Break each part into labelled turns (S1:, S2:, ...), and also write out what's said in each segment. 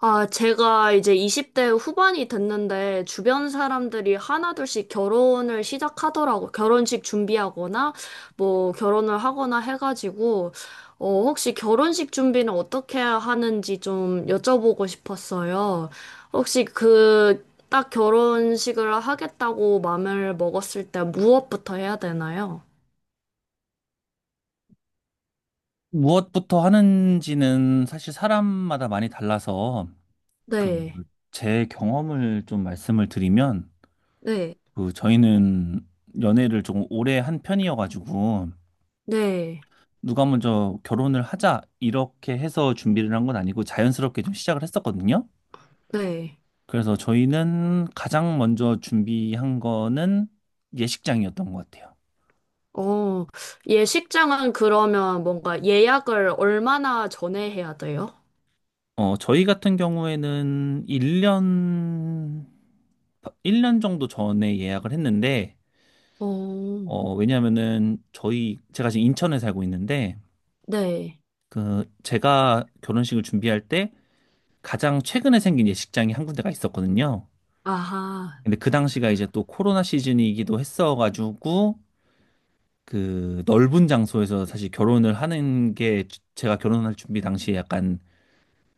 S1: 아, 제가 이제 20대 후반이 됐는데 주변 사람들이 하나둘씩 결혼을 시작하더라고. 결혼식 준비하거나 뭐 결혼을 하거나 해가지고 혹시 결혼식 준비는 어떻게 하는지 좀 여쭤보고 싶었어요. 혹시 그 딱 결혼식을 하겠다고 마음을 먹었을 때 무엇부터 해야 되나요?
S2: 무엇부터 하는지는 사실 사람마다 많이 달라서 그
S1: 네.
S2: 제 경험을 좀 말씀을 드리면
S1: 네.
S2: 그 저희는 연애를 조금 오래 한 편이어가지고
S1: 네.
S2: 누가 먼저 결혼을 하자 이렇게 해서 준비를 한 건 아니고 자연스럽게 좀 시작을 했었거든요.
S1: 네.
S2: 그래서 저희는 가장 먼저 준비한 거는 예식장이었던 것 같아요.
S1: 어, 예식장은 그러면 뭔가 예약을 얼마나 전에 해야 돼요?
S2: 저희 같은 경우에는 일년 1년 정도 전에 예약을 했는데
S1: 어,
S2: 어, 왜냐면은 저희 제가 지금 인천에 살고 있는데
S1: 네.
S2: 그 제가 결혼식을 준비할 때 가장 최근에 생긴 예식장이 한 군데가 있었거든요.
S1: 아하,
S2: 근데 그 당시가 이제 또 코로나 시즌이기도 했어가지고 그 넓은 장소에서 사실 결혼을 하는 게 제가 결혼할 준비 당시에 약간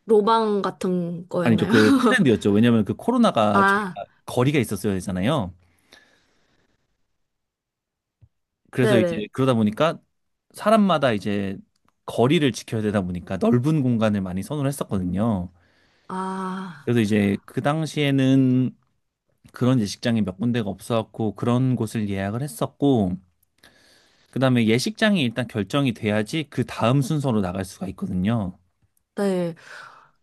S1: 로망 같은
S2: 아니죠,
S1: 거였나요?
S2: 그 트렌드였죠. 왜냐면 그 코로나가
S1: 아,
S2: 저희가 거리가 있었어야 되잖아요. 그래서 이제
S1: 네네.
S2: 그러다 보니까 사람마다 이제 거리를 지켜야 되다 보니까 넓은 공간을 많이 선호를 했었거든요.
S1: 아,
S2: 그래서 이제 그 당시에는 그런 예식장이 몇 군데가 없어갖고 그런 곳을 예약을 했었고, 그 다음에 예식장이 일단 결정이 돼야지 그 다음 순서로 나갈 수가 있거든요.
S1: 네.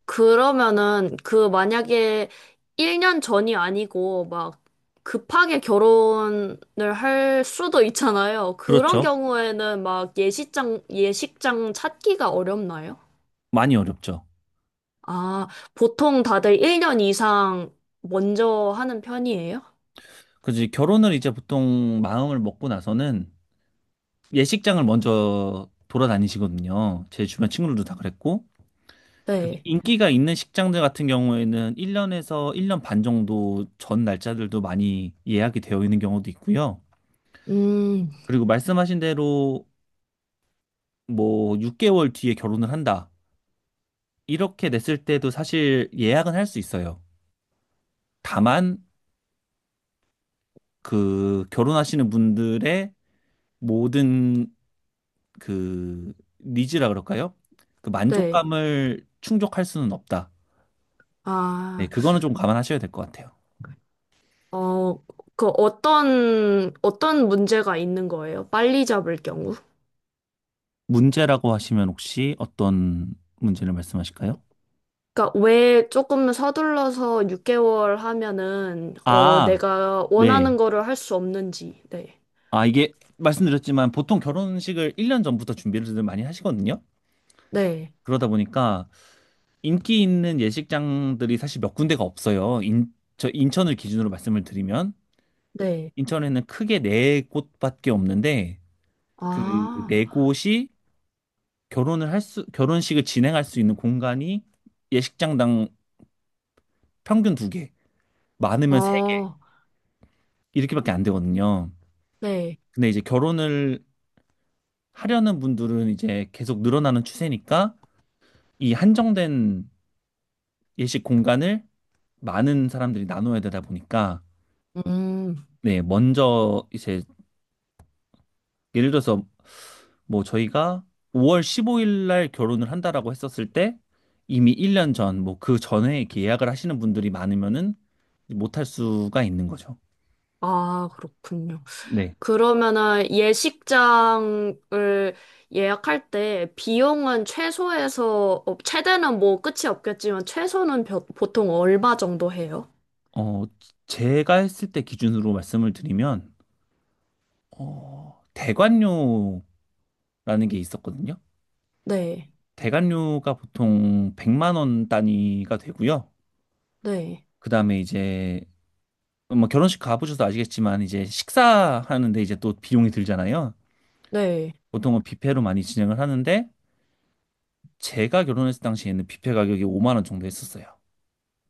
S1: 그러면은 그 만약에 1년 전이 아니고 막 급하게 결혼을 할 수도 있잖아요. 그런
S2: 그렇죠.
S1: 경우에는 막 예식장 찾기가 어렵나요?
S2: 많이 어렵죠.
S1: 아, 보통 다들 1년 이상 먼저 하는 편이에요?
S2: 그래서 이제 결혼을 이제 보통 마음을 먹고 나서는 예식장을 먼저 돌아다니시거든요. 제 주변 친구들도 다 그랬고. 그래서
S1: 네.
S2: 인기가 있는 식장들 같은 경우에는 1년에서 1년 반 정도 전 날짜들도 많이 예약이 되어 있는 경우도 있고요.
S1: 음,
S2: 그리고 말씀하신 대로 뭐 6개월 뒤에 결혼을 한다. 이렇게 냈을 때도 사실 예약은 할 수 있어요. 다만 그 결혼하시는 분들의 모든 그 니즈라 그럴까요? 그
S1: 네.
S2: 만족감을 충족할 수는 없다. 네,
S1: 아,
S2: 그거는 좀 감안하셔야 될 것 같아요.
S1: 어, 그 어떤 문제가 있는 거예요? 빨리 잡을 경우?
S2: 문제라고 하시면 혹시 어떤 문제를 말씀하실까요?
S1: 그러니까 왜 조금 서둘러서 6개월 하면은, 어,
S2: 아,
S1: 내가
S2: 네.
S1: 원하는 거를 할 수 없는지. 네.
S2: 아, 이게 말씀드렸지만 보통 결혼식을 1년 전부터 준비를 많이 하시거든요.
S1: 네.
S2: 그러다 보니까 인기 있는 예식장들이 사실 몇 군데가 없어요. 저 인천을 기준으로 말씀을 드리면
S1: 네.
S2: 인천에는 크게 네 곳밖에 없는데 그
S1: 아,
S2: 네 곳이 결혼식을 진행할 수 있는 공간이 예식장당 평균 두 개, 많으면 세 개,
S1: 아,
S2: 이렇게밖에 안 되거든요.
S1: 네.
S2: 근데 이제 결혼을 하려는 분들은 이제 계속 늘어나는 추세니까 이 한정된 예식 공간을 많은 사람들이 나눠야 되다 보니까
S1: 음,
S2: 네, 먼저 이제 예를 들어서 뭐 저희가 5월 15일 날 결혼을 한다라고 했었을 때 이미 1년 전, 뭐 그 전에 이렇게 예약을 하시는 분들이 많으면은 못할 수가 있는 거죠.
S1: 아, 그렇군요.
S2: 네.
S1: 그러면은 예식장을 예약할 때 비용은 최소에서, 어, 최대는 뭐 끝이 없겠지만 최소는 보통 얼마 정도 해요?
S2: 어, 제가 했을 때 기준으로 말씀을 드리면, 대관료라는 게 있었거든요.
S1: 네,
S2: 대관료가 보통 100만 원 단위가 되고요.
S1: 네,
S2: 그다음에 이제 뭐 결혼식 가보셔서 아시겠지만 이제 식사하는데 이제 또 비용이 들잖아요.
S1: 네.
S2: 보통은 뷔페로 많이 진행을 하는데 제가 결혼했을 당시에는 뷔페 가격이 5만 원 정도 했었어요.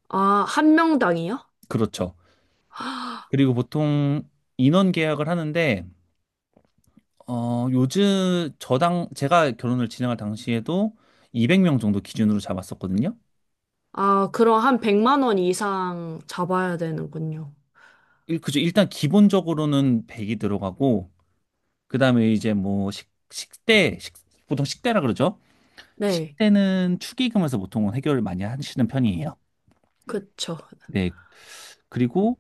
S1: 아, 한 명당이요?
S2: 그렇죠. 그리고 보통 인원 계약을 하는데 어, 요즘 저당 제가 결혼을 진행할 당시에도 200명 정도 기준으로 잡았었거든요.
S1: 아, 그럼 한 100만 원 이상 잡아야 되는군요.
S2: 그죠. 일단 기본적으로는 100이 들어가고 그다음에 이제 보통 식대라 그러죠.
S1: 네,
S2: 식대는 축의금에서 보통은 해결을 많이 하시는 편이에요.
S1: 그쵸.
S2: 네. 그리고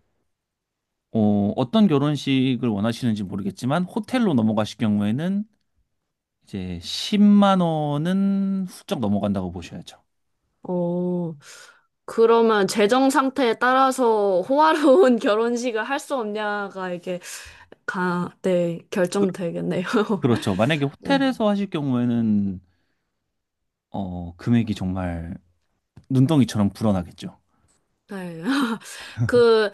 S2: 어떤 결혼식을 원하시는지 모르겠지만 호텔로 넘어가실 경우에는 이제 10만 원은 훌쩍 넘어간다고 보셔야죠.
S1: 어, 그러면 재정 상태에 따라서 호화로운 결혼식을 할 수 없냐가 이게 가, 네,
S2: 그,
S1: 결정되겠네요.
S2: 그렇죠. 만약에
S1: 네.
S2: 호텔에서 하실 경우에는 금액이 정말 눈덩이처럼 불어나겠죠.
S1: 네. 그,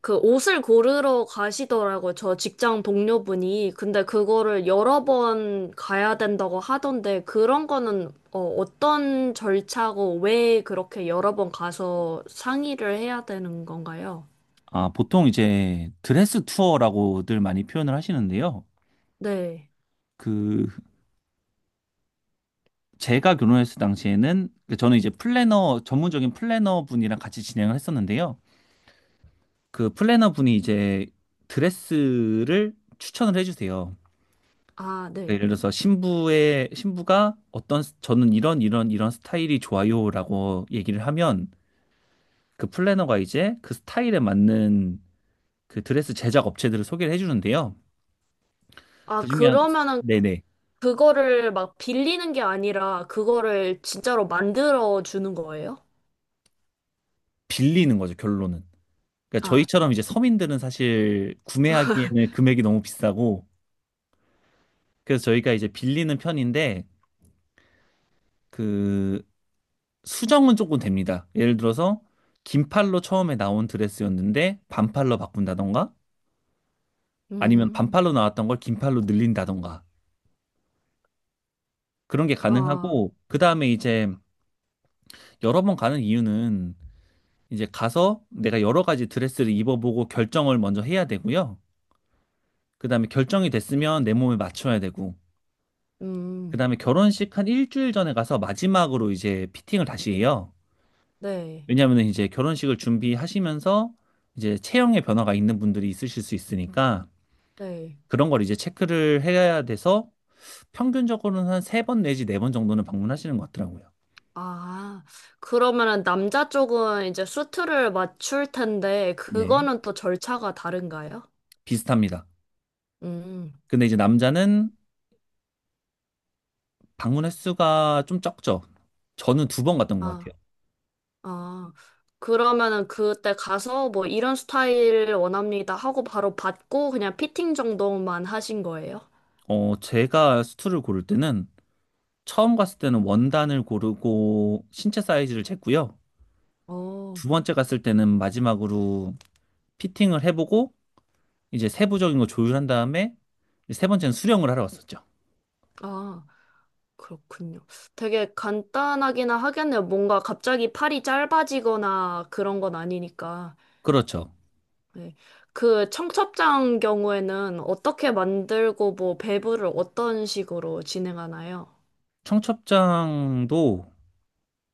S1: 그 옷을 고르러 가시더라고요. 저 직장 동료분이. 근데 그거를 여러 번 가야 된다고 하던데, 그런 거는 어떤 절차고 왜 그렇게 여러 번 가서 상의를 해야 되는 건가요?
S2: 아, 보통 이제 드레스 투어라고들 많이 표현을 하시는데요.
S1: 네.
S2: 그 제가 결혼했을 당시에는 그 저는 이제 플래너 전문적인 플래너 분이랑 같이 진행을 했었는데요. 그 플래너 분이 이제 드레스를 추천을 해주세요.
S1: 아,
S2: 네,
S1: 네.
S2: 예를 들어서 신부의 신부가 저는 이런 스타일이 좋아요라고 얘기를 하면 그 플래너가 이제 그 스타일에 맞는 그 드레스 제작 업체들을 소개를 해주는데요.
S1: 아,
S2: 그중에 한-
S1: 그러면은
S2: 네네,
S1: 그거를 막 빌리는 게 아니라 그거를 진짜로 만들어 주는 거예요?
S2: 빌리는 거죠 결론은. 그러니까
S1: 아,
S2: 저희처럼
S1: 네.
S2: 이제 서민들은 사실 구매하기에는 금액이 너무 비싸고 그래서 저희가 이제 빌리는 편인데 그 수정은 조금 됩니다. 예를 들어서 긴 팔로 처음에 나온 드레스였는데 반팔로 바꾼다던가 아니면
S1: 음.
S2: 반팔로 나왔던 걸 긴팔로 늘린다던가 그런 게
S1: 아,
S2: 가능하고 그 다음에 이제 여러 번 가는 이유는 이제 가서 내가 여러 가지 드레스를 입어보고 결정을 먼저 해야 되고요. 그 다음에 결정이 됐으면 내 몸에 맞춰야 되고 그
S1: 음.
S2: 다음에 결혼식 한 일주일 전에 가서 마지막으로 이제 피팅을 다시 해요.
S1: 네.
S2: 왜냐하면 이제 결혼식을 준비하시면서 이제 체형의 변화가 있는 분들이 있으실 수 있으니까
S1: 네.
S2: 그런 걸 이제 체크를 해야 돼서 평균적으로는 한 세 번 내지 네 번 정도는 방문하시는 것 같더라고요.
S1: 아, 그러면은 남자 쪽은 이제 수트를 맞출 텐데
S2: 네.
S1: 그거는 또 절차가 다른가요?
S2: 비슷합니다.
S1: 음.
S2: 근데 이제 남자는 방문 횟수가 좀 적죠. 저는 두 번 갔던 것
S1: 아,
S2: 같아요.
S1: 아. 그러면은 그때 가서 뭐 이런 스타일 원합니다 하고 바로 받고 그냥 피팅 정도만 하신 거예요?
S2: 제가 수트를 고를 때는 처음 갔을 때는 원단을 고르고 신체 사이즈를 쟀고요.
S1: 어.
S2: 두 번째 갔을 때는 마지막으로 피팅을 해보고 이제 세부적인 거 조율한 다음에 세 번째는 수령을 하러 갔었죠.
S1: 아. 그렇군요. 되게 간단하기는 하겠네요. 뭔가 갑자기 팔이 짧아지거나 그런 건 아니니까.
S2: 그렇죠.
S1: 네. 그 청첩장 경우에는 어떻게 만들고 뭐 배부를 어떤 식으로 진행하나요?
S2: 청첩장도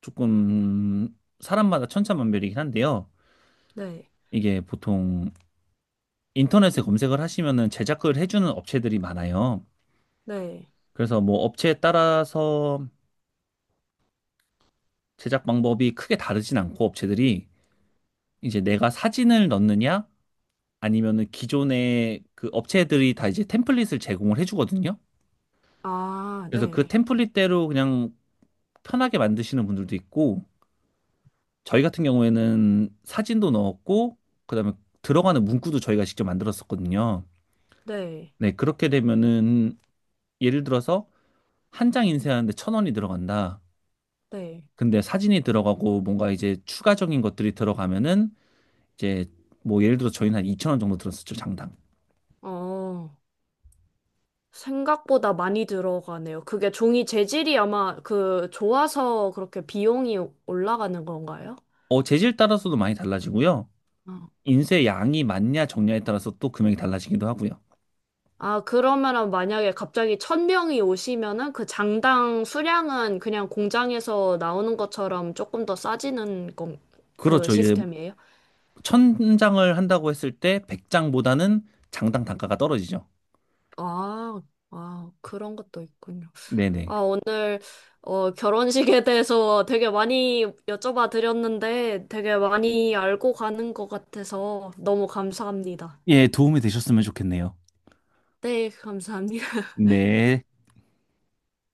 S2: 조금 사람마다 천차만별이긴 한데요.
S1: 네,
S2: 이게 보통 인터넷에 검색을 하시면은 제작을 해주는 업체들이 많아요.
S1: 네.
S2: 그래서 뭐 업체에 따라서 제작 방법이 크게 다르진 않고 업체들이 이제 내가 사진을 넣느냐 아니면은 기존의 그 업체들이 다 이제 템플릿을 제공을 해주거든요.
S1: 아,
S2: 그래서 그
S1: 네,
S2: 템플릿대로 그냥 편하게 만드시는 분들도 있고 저희 같은 경우에는 사진도 넣었고 그다음에 들어가는 문구도 저희가 직접 만들었었거든요.
S1: 네,
S2: 네, 그렇게 되면은 예를 들어서 한 장 인쇄하는데 천 원이 들어간다.
S1: 네.
S2: 근데 사진이 들어가고 뭔가 이제 추가적인 것들이 들어가면은 이제 뭐 예를 들어 저희는 한 2천 원 정도 들었었죠, 장당.
S1: 어, 생각보다 많이 들어가네요. 그게 종이 재질이 아마 그 좋아서 그렇게 비용이 올라가는 건가요?
S2: 재질 따라서도 많이 달라지고요.
S1: 어.
S2: 인쇄 양이 많냐 적냐에 따라서 또 금액이 달라지기도 하고요.
S1: 아, 그러면은 만약에 갑자기 천 명이 오시면은 그 장당 수량은 그냥 공장에서 나오는 것처럼 조금 더 싸지는 건, 그
S2: 그렇죠. 이제
S1: 시스템이에요?
S2: 천 장을 한다고 했을 때 100장보다는 장당 단가가 떨어지죠.
S1: 아, 아, 그런 것도 있군요.
S2: 네네.
S1: 오늘 결혼식에 대해서 되게 많이 여쭤봐 드렸는데 되게 많이 알고 가는 것 같아서 너무 감사합니다.
S2: 예, 도움이 되셨으면 좋겠네요.
S1: 네, 감사합니다.
S2: 네.